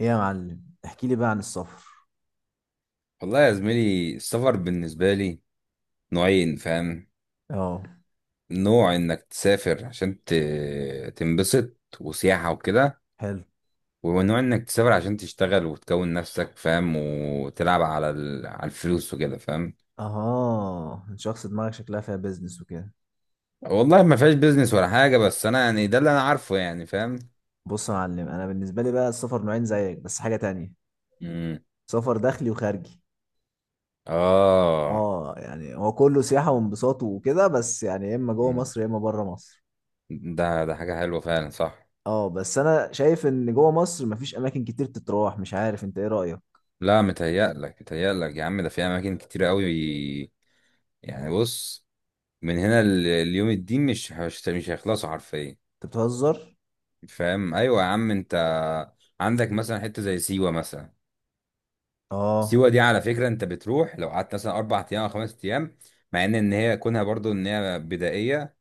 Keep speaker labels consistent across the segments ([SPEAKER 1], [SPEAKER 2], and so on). [SPEAKER 1] ايه يا معلم، احكي لي بقى عن السفر؟
[SPEAKER 2] والله يا زميلي، السفر بالنسبة لي نوعين، فاهم؟
[SPEAKER 1] اه.
[SPEAKER 2] نوع انك تسافر عشان تنبسط وسياحة وكده،
[SPEAKER 1] حلو.
[SPEAKER 2] ونوع انك تسافر عشان تشتغل وتكون نفسك، فاهم، وتلعب على على الفلوس وكده، فاهم.
[SPEAKER 1] اها، شخص دماغك شكلها فيها بيزنس وكده.
[SPEAKER 2] والله ما فيهاش بيزنس ولا حاجة، بس انا يعني ده اللي انا عارفه، يعني فاهم.
[SPEAKER 1] بص يا معلم، انا بالنسبه لي بقى السفر نوعين زيك بس حاجه تانية.
[SPEAKER 2] مم.
[SPEAKER 1] سفر داخلي وخارجي.
[SPEAKER 2] اه.
[SPEAKER 1] اه، يعني هو كله سياحه وانبساط وكده، بس يعني يا اما جوه
[SPEAKER 2] مم.
[SPEAKER 1] مصر يا اما بره مصر.
[SPEAKER 2] ده حاجة حلوة فعلا، صح.
[SPEAKER 1] اه، بس انا شايف ان جوه مصر مفيش اماكن كتير تتراح، مش عارف انت ايه رايك؟
[SPEAKER 2] لا، متهيألك متهيألك يا عم، ده في اماكن كتير قوي. يعني بص، من هنا ليوم الدين مش هيخلصوا حرفيا،
[SPEAKER 1] انت بتهزر.
[SPEAKER 2] فاهم. ايوه يا عم انت، عندك مثلا حته زي سيوه مثلا.
[SPEAKER 1] اه،
[SPEAKER 2] سيوه دي على فكره، انت بتروح لو قعدت مثلا اربع ايام او خمس ايام، مع ان هي كونها برضو ان هي بدائيه،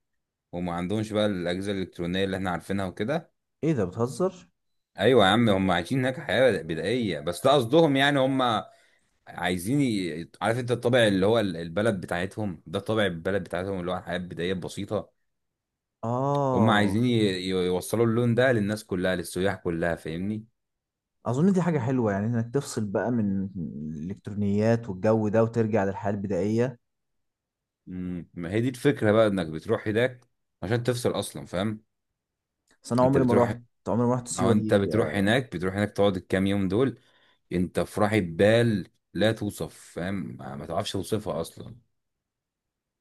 [SPEAKER 2] وما عندهمش بقى الاجهزه الالكترونيه اللي احنا عارفينها وكده.
[SPEAKER 1] ايه ده بتهزر؟
[SPEAKER 2] ايوه يا عم، هم عايشين هناك حياه بدائيه، بس ده قصدهم يعني. هم عايزين عارف انت الطابع اللي هو البلد بتاعتهم، ده طابع البلد بتاعتهم اللي هو حياه بدائيه بسيطه. هم
[SPEAKER 1] اه،
[SPEAKER 2] عايزين يوصلوا اللون ده للناس كلها، للسياح كلها، فاهمني.
[SPEAKER 1] اظن دي حاجة حلوة يعني انك تفصل بقى من الالكترونيات والجو ده وترجع للحياة البدائية.
[SPEAKER 2] مم. ما هي دي الفكرة بقى، انك بتروح هناك عشان تفصل اصلا، فاهم.
[SPEAKER 1] بس انا
[SPEAKER 2] انت
[SPEAKER 1] عمري ما رحت.
[SPEAKER 2] بتروح،
[SPEAKER 1] عمري ما رحت
[SPEAKER 2] او
[SPEAKER 1] سيوة
[SPEAKER 2] انت
[SPEAKER 1] دي
[SPEAKER 2] بتروح هناك، بتروح هناك تقعد الكام يوم دول، انت في راحة بال لا توصف، فاهم، ما ما تعرفش توصفها اصلا.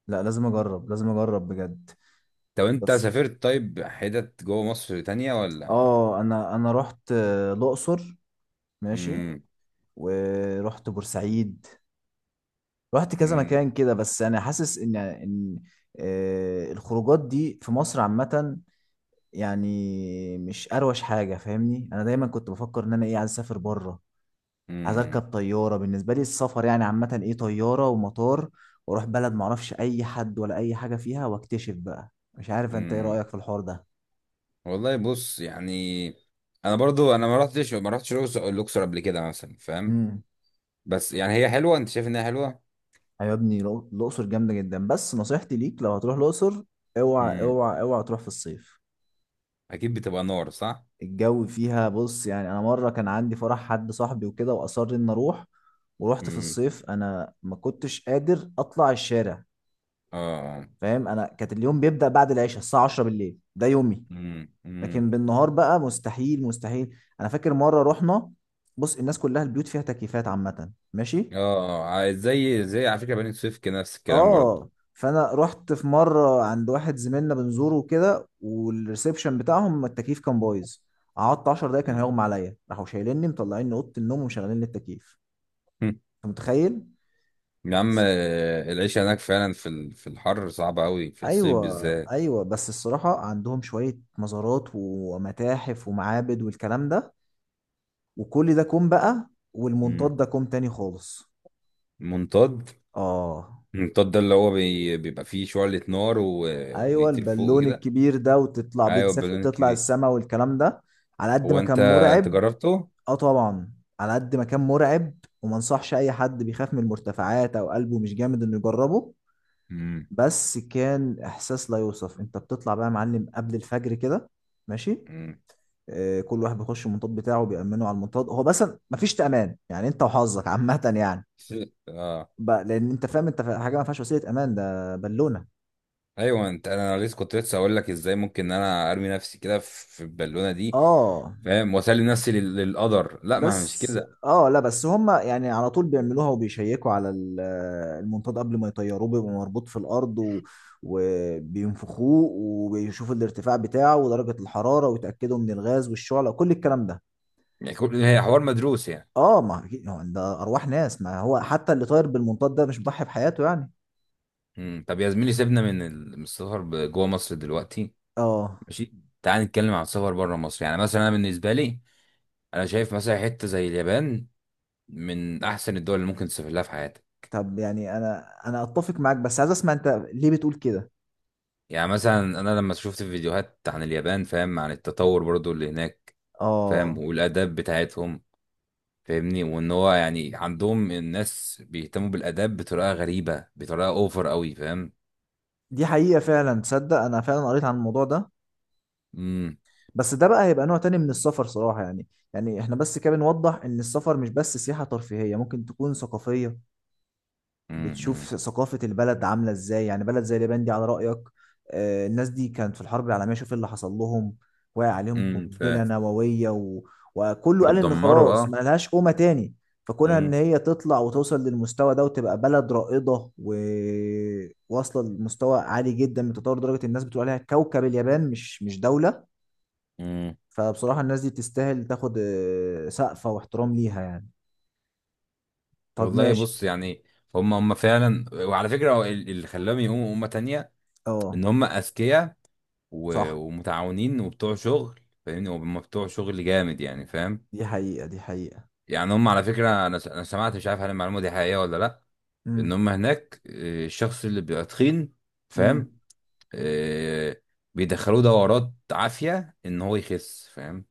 [SPEAKER 1] لا، لازم اجرب لازم اجرب بجد.
[SPEAKER 2] طب انت
[SPEAKER 1] بس
[SPEAKER 2] سافرت طيب حتت جوه مصر تانية ولا؟
[SPEAKER 1] اه انا رحت الاقصر. ماشي.
[SPEAKER 2] مم.
[SPEAKER 1] ورحت بورسعيد. رحت كذا
[SPEAKER 2] مم.
[SPEAKER 1] مكان كده، بس انا حاسس ان الخروجات دي في مصر عامة، يعني مش اروش حاجة فاهمني. انا دايما كنت بفكر ان انا ايه عايز اسافر بره. عايز اركب
[SPEAKER 2] مم.
[SPEAKER 1] طياره، بالنسبه لي السفر يعني عامه ايه طياره ومطار، واروح بلد ما اعرفش اي حد ولا اي حاجه فيها واكتشف بقى، مش عارف انت ايه
[SPEAKER 2] مم.
[SPEAKER 1] رايك في الحوار ده؟
[SPEAKER 2] والله بص يعني، انا برضو انا ما رحتش الأقصر قبل كده مثلا، فاهم.
[SPEAKER 1] امم.
[SPEAKER 2] بس يعني هي حلوة، انت شايف انها حلوة.
[SPEAKER 1] يا ابني، الاقصر جامده جدا، بس نصيحتي ليك لو هتروح الاقصر اوعى
[SPEAKER 2] امم.
[SPEAKER 1] اوعى اوعى تروح في الصيف.
[SPEAKER 2] اكيد بتبقى نار، صح.
[SPEAKER 1] الجو فيها، بص يعني، انا مره كان عندي فرح حد صاحبي وكده واصر ان اروح، ورحت في
[SPEAKER 2] امم.
[SPEAKER 1] الصيف، انا ما كنتش قادر اطلع الشارع.
[SPEAKER 2] اه.
[SPEAKER 1] فاهم، انا كانت اليوم بيبدا بعد العشاء الساعه 10 بالليل، ده يومي.
[SPEAKER 2] امم. امم.
[SPEAKER 1] لكن بالنهار بقى مستحيل مستحيل، انا فاكر مره رحنا. بص، الناس كلها البيوت فيها تكييفات عامه،
[SPEAKER 2] اه.
[SPEAKER 1] ماشي.
[SPEAKER 2] آه. زي على فكرة بني سويف كده نفس الكلام برضه.
[SPEAKER 1] اه، فانا رحت في مره عند واحد زميلنا بنزوره كده، والريسبشن بتاعهم التكييف كان بايظ. قعدت 10 دقايق كان
[SPEAKER 2] مم.
[SPEAKER 1] هيغمى عليا، راحوا شايليني مطلعيني اوضه النوم ومشغلين لي التكييف. انت متخيل؟
[SPEAKER 2] يا عم،
[SPEAKER 1] بس-
[SPEAKER 2] العيش هناك فعلا في في الحر صعبة قوي في الصيف
[SPEAKER 1] ايوه،
[SPEAKER 2] بالذات.
[SPEAKER 1] ايوه، بس الصراحه عندهم شويه مزارات ومتاحف ومعابد والكلام ده، وكل ده كوم بقى،
[SPEAKER 2] مم.
[SPEAKER 1] والمنطاد ده كوم تاني خالص.
[SPEAKER 2] منطاد.
[SPEAKER 1] اه.
[SPEAKER 2] المنطاد ده اللي هو بيبقى فيه شعلة نار
[SPEAKER 1] ايوه،
[SPEAKER 2] وبيطير فوق
[SPEAKER 1] البالون
[SPEAKER 2] وكده.
[SPEAKER 1] الكبير ده وتطلع بيه
[SPEAKER 2] ايوه
[SPEAKER 1] تسافر
[SPEAKER 2] البالون
[SPEAKER 1] تطلع
[SPEAKER 2] الكبير.
[SPEAKER 1] السما والكلام ده، على قد
[SPEAKER 2] هو
[SPEAKER 1] ما كان
[SPEAKER 2] انت، انت
[SPEAKER 1] مرعب.
[SPEAKER 2] جربته؟
[SPEAKER 1] اه، طبعا. على قد ما كان مرعب، وما انصحش اي حد بيخاف من المرتفعات او قلبه مش جامد انه يجربه.
[SPEAKER 2] امم.
[SPEAKER 1] بس كان احساس لا يوصف، انت بتطلع بقى يا معلم قبل الفجر كده، ماشي.
[SPEAKER 2] امم.
[SPEAKER 1] كل واحد بيخش المنطاد بتاعه بيأمنه على المنطاد هو بس، مفيش تأمان يعني، انت وحظك عامة يعني،
[SPEAKER 2] اه.
[SPEAKER 1] بقى لان انت فاهم حاجة ما فيهاش وسيلة امان ده بالونة.
[SPEAKER 2] ايوه انت، انا لسه كنت لسه اقول لك ازاي ممكن ان انا ارمي نفسي كده في البالونه دي،
[SPEAKER 1] اه،
[SPEAKER 2] فاهم، واسلم نفسي للقدر. لا، ما هي مش
[SPEAKER 1] بس
[SPEAKER 2] كده.
[SPEAKER 1] لا، بس هم يعني على طول بيعملوها وبيشيكوا على المنطاد قبل ما يطيروه، بيبقى مربوط في الارض وبينفخوه وبيشوفوا الارتفاع بتاعه ودرجة الحرارة ويتأكدوا من الغاز والشعلة وكل الكلام ده.
[SPEAKER 2] يعني هي حوار مدروس يعني.
[SPEAKER 1] اه، ما أكيد- هو ده ارواح ناس، ما هو حتى اللي طاير بالمنطاد ده مش بيضحي بحياته يعني.
[SPEAKER 2] مم. طب يا زميلي، سيبنا من من السفر جوه مصر دلوقتي.
[SPEAKER 1] اه.
[SPEAKER 2] ماشي. تعال نتكلم عن السفر بره مصر. يعني مثلا انا بالنسبه لي، انا شايف مثلا حته زي اليابان من احسن الدول اللي ممكن تسافر لها في حياتك.
[SPEAKER 1] طب يعني انا اتفق معاك، بس عايز اسمع انت ليه بتقول كده.
[SPEAKER 2] يعني مثلا انا لما شفت فيديوهات عن اليابان، فاهم، عن التطور برضو اللي هناك، فاهم،
[SPEAKER 1] اه،
[SPEAKER 2] والاداب بتاعتهم، فاهمني، وان هو يعني عندهم الناس بيهتموا بالاداب بطريقه غريبه، بطريقه اوفر قوي، فاهم.
[SPEAKER 1] دي حقيقة فعلا، تصدق انا فعلا قريت عن الموضوع ده.
[SPEAKER 2] امم.
[SPEAKER 1] بس ده بقى هيبقى نوع تاني من السفر صراحة يعني. يعني احنا بس كده بنوضح ان السفر مش بس سياحة ترفيهية، ممكن تكون ثقافية.
[SPEAKER 2] امم.
[SPEAKER 1] بتشوف ثقافة البلد عاملة ازاي، يعني بلد زي اليابان دي على رأيك. الناس دي كانت في الحرب العالمية، شوف إيه اللي حصل لهم. وقع عليهم
[SPEAKER 2] امم.
[SPEAKER 1] قنبلة نووية وكله قال ان
[SPEAKER 2] بتدمروا،
[SPEAKER 1] خلاص ما
[SPEAKER 2] اه.
[SPEAKER 1] لهاش قومة تاني. فكونها ان
[SPEAKER 2] امم.
[SPEAKER 1] هي تطلع وتوصل للمستوى ده وتبقى بلد رائدة وواصلة لمستوى عالي جدا من تطور، درجة الناس بتقول عليها كوكب اليابان مش دولة.
[SPEAKER 2] امم.
[SPEAKER 1] فبصراحة الناس دي تستاهل تاخد سقفة واحترام ليها يعني. طب،
[SPEAKER 2] والله
[SPEAKER 1] ماشي.
[SPEAKER 2] بص يعني، هم فعلا. وعلى فكره هو اللي خلاهم يقوموا امه تانية،
[SPEAKER 1] اه،
[SPEAKER 2] ان هم اذكياء،
[SPEAKER 1] صح،
[SPEAKER 2] ومتعاونين وبتوع شغل. فاهمني، هم بتوع شغل جامد يعني، فاهم.
[SPEAKER 1] دي حقيقة دي حقيقة.
[SPEAKER 2] يعني هم على فكره، انا انا سمعت، مش عارف هل المعلومه دي حقيقيه ولا لا، ان
[SPEAKER 1] امم،
[SPEAKER 2] هم هناك، الشخص اللي بيبقى تخين، فاهم،
[SPEAKER 1] امم.
[SPEAKER 2] آه، بيدخلوه دورات عافية ان هو يخس، فاهم.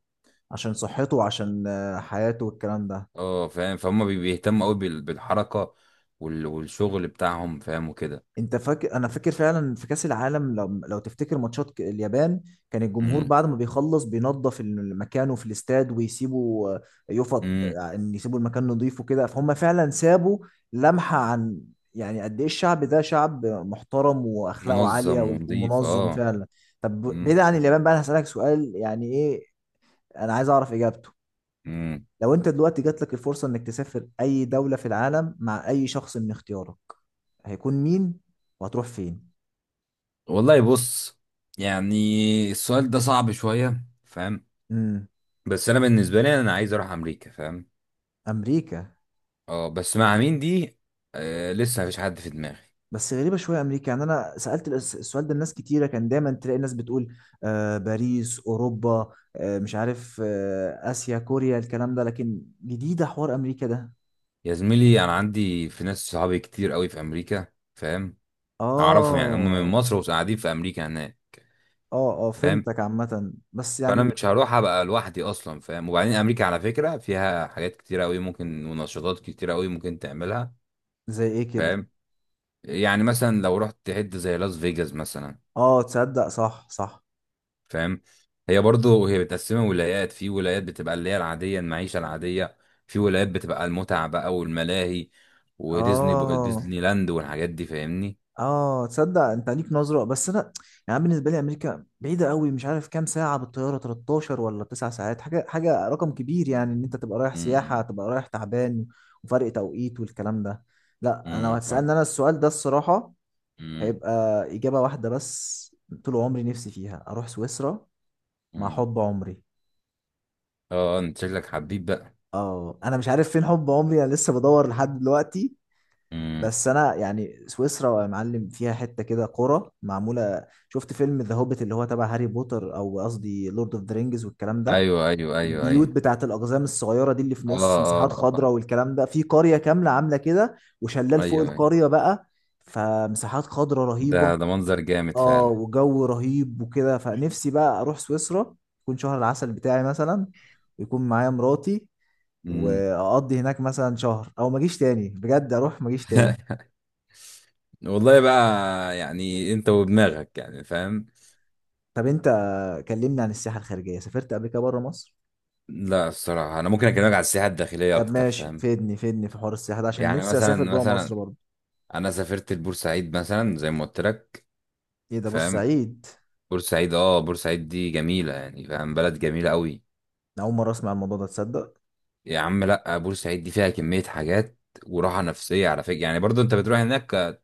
[SPEAKER 1] عشان صحته وعشان حياته والكلام ده.
[SPEAKER 2] اه فاهم، فهم بيهتموا قوي بالحركة والشغل بتاعهم، فاهم، وكده.
[SPEAKER 1] انت فاكر، انا فاكر فعلا في كاس العالم، لو تفتكر ماتشات اليابان، كان الجمهور
[SPEAKER 2] امم.
[SPEAKER 1] بعد ما بيخلص بينظف مكانه في الاستاد ويسيبوا يفط
[SPEAKER 2] امم.
[SPEAKER 1] ان يسيبوا المكان نظيف وكده، فهم فعلا سابوا لمحة عن، يعني قد ايه الشعب ده شعب محترم واخلاقه عالية
[SPEAKER 2] منظم ونظيف،
[SPEAKER 1] ومنظم
[SPEAKER 2] اه.
[SPEAKER 1] فعلا. طب
[SPEAKER 2] امم.
[SPEAKER 1] بعيد عن اليابان بقى، انا هسألك سؤال يعني ايه، انا عايز اعرف اجابته.
[SPEAKER 2] امم.
[SPEAKER 1] لو انت دلوقتي جات لك الفرصة انك تسافر اي دولة في العالم مع اي شخص من اختيارك، هيكون مين وهتروح فين؟
[SPEAKER 2] والله بص يعني، السؤال ده صعب شوية، فاهم.
[SPEAKER 1] امم.
[SPEAKER 2] بس انا بالنسبة لي انا عايز اروح امريكا، فاهم.
[SPEAKER 1] امريكا؟
[SPEAKER 2] اه بس مع مين دي، آه لسه مفيش حد في دماغي.
[SPEAKER 1] بس غريبه شويه امريكا، يعني انا سالت السؤال ده لناس كتيره، كان دايما تلاقي الناس بتقول باريس، اوروبا، مش عارف، اسيا، كوريا، الكلام ده، لكن جديده حوار امريكا ده.
[SPEAKER 2] يا زميلي، انا عندي في ناس صحابي كتير قوي في امريكا، فاهم، اعرفهم يعني. هم من
[SPEAKER 1] اه،
[SPEAKER 2] مصر وقاعدين في امريكا هناك،
[SPEAKER 1] اه، اه،
[SPEAKER 2] فاهم.
[SPEAKER 1] فهمتك عامه بس
[SPEAKER 2] فانا
[SPEAKER 1] يعني
[SPEAKER 2] مش هروح ابقى لوحدي اصلا، فاهم. وبعدين امريكا على فكره فيها حاجات كتيره قوي ممكن، ونشاطات كتيره قوي ممكن تعملها،
[SPEAKER 1] زي ايه كده؟
[SPEAKER 2] فاهم. يعني مثلا لو رحت تحد زي لاس فيجاس مثلا،
[SPEAKER 1] اه، تصدق، صح، صح.
[SPEAKER 2] فاهم، هي برضو هي متقسمه ولايات. في ولايات بتبقى اللي هي العاديه، المعيشه العاديه، في ولايات بتبقى المتعه بقى والملاهي،
[SPEAKER 1] اه،
[SPEAKER 2] ديزني لاند والحاجات دي، فاهمني.
[SPEAKER 1] اه، تصدق انت ليك نظره بس انا يعني، أنا بالنسبه لي امريكا بعيده قوي، مش عارف كام ساعه بالطياره، 13 ولا 9 ساعات، حاجه رقم كبير يعني، ان انت تبقى رايح سياحه
[SPEAKER 2] امم.
[SPEAKER 1] تبقى رايح تعبان، وفرق توقيت والكلام ده. لا، انا لو
[SPEAKER 2] امم. فاهم.
[SPEAKER 1] هتسالني انا السؤال ده الصراحه
[SPEAKER 2] أمم.
[SPEAKER 1] هيبقى اجابه واحده بس، طول عمري نفسي فيها اروح سويسرا مع
[SPEAKER 2] أمم.
[SPEAKER 1] حب عمري.
[SPEAKER 2] اه انت شكلك حبيب بقى.
[SPEAKER 1] اه، انا مش عارف فين حب عمري، انا لسه بدور لحد دلوقتي.
[SPEAKER 2] امم.
[SPEAKER 1] بس انا يعني، سويسرا يا معلم فيها حته كده قرى معموله، شفت فيلم ذا هوبيت اللي هو تبع هاري بوتر، او قصدي لورد اوف ذا رينجز والكلام ده.
[SPEAKER 2] ايوه ايوه ايوه
[SPEAKER 1] البيوت
[SPEAKER 2] ايوه.
[SPEAKER 1] بتاعت الاقزام الصغيره دي اللي في
[SPEAKER 2] اه
[SPEAKER 1] نص مساحات
[SPEAKER 2] اه.
[SPEAKER 1] خضراء والكلام ده، في قريه كامله عامله كده وشلال
[SPEAKER 2] آه،
[SPEAKER 1] فوق
[SPEAKER 2] ايوه ايوه.
[SPEAKER 1] القريه بقى، فمساحات خضراء رهيبه.
[SPEAKER 2] ده منظر جامد
[SPEAKER 1] اه،
[SPEAKER 2] فعلا.
[SPEAKER 1] وجو رهيب وكده، فنفسي بقى اروح سويسرا يكون شهر العسل بتاعي مثلا، ويكون معايا مراتي،
[SPEAKER 2] امم.
[SPEAKER 1] واقضي هناك مثلا شهر او ما اجيش تاني بجد، اروح ما اجيش تاني.
[SPEAKER 2] والله بقى يعني انت ودماغك، يعني فاهم.
[SPEAKER 1] طب انت، كلمني عن السياحه الخارجيه، سافرت قبل كده بره مصر؟
[SPEAKER 2] لا الصراحه انا ممكن اكلمك على السياحه الداخليه
[SPEAKER 1] طب
[SPEAKER 2] اكتر،
[SPEAKER 1] ماشي،
[SPEAKER 2] فاهم.
[SPEAKER 1] فيدني فيدني في حوار السياحه ده عشان
[SPEAKER 2] يعني
[SPEAKER 1] نفسي اسافر
[SPEAKER 2] مثلا
[SPEAKER 1] جوه مصر
[SPEAKER 2] مثلا
[SPEAKER 1] برضه.
[SPEAKER 2] انا سافرت لبورسعيد مثلا زي ما قلت لك،
[SPEAKER 1] ايه ده،
[SPEAKER 2] فاهم.
[SPEAKER 1] بورسعيد؟
[SPEAKER 2] بورسعيد؟ اه بورسعيد دي جميله يعني، فاهم، بلد جميله قوي.
[SPEAKER 1] انا اول مره اسمع الموضوع ده، تصدق.
[SPEAKER 2] يا عم لا، بورسعيد دي فيها كميه حاجات، وراحه نفسيه على فكره يعني. برضو انت بتروح هناك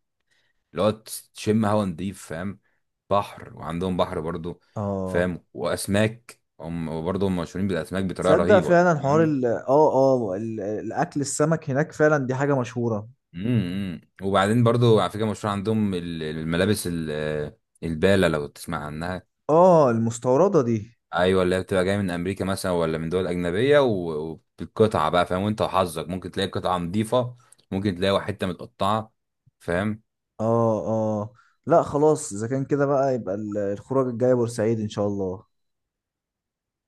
[SPEAKER 2] اللي هو تشم هوا نضيف، فاهم، بحر، وعندهم بحر برضو،
[SPEAKER 1] اه،
[SPEAKER 2] فاهم، واسماك، هم وبرضو هم مشهورين بالاسماك بطريقه
[SPEAKER 1] تصدق
[SPEAKER 2] رهيبه يعني،
[SPEAKER 1] فعلا حوار
[SPEAKER 2] فاهم؟
[SPEAKER 1] ال اه اه ال- الاكل، السمك هناك فعلا دي حاجه مشهوره.
[SPEAKER 2] امم. امم. وبعدين برضو على فكره مشهور عندهم الملابس الباله، لو تسمع عنها.
[SPEAKER 1] اه، المستورده دي.
[SPEAKER 2] ايوه، اللي هي بتبقى جايه من امريكا مثلا ولا من دول اجنبيه، وبالقطعه بقى، فاهم، وانت وحظك ممكن تلاقي قطعه نظيفه، ممكن تلاقي حته متقطعه، فاهم.
[SPEAKER 1] اه، اه، لا خلاص، اذا كان كده بقى يبقى الخروج الجايه بورسعيد ان شاء الله.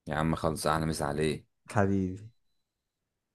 [SPEAKER 2] يا عم خلص، احلى مسا عليك.
[SPEAKER 1] حبيبي.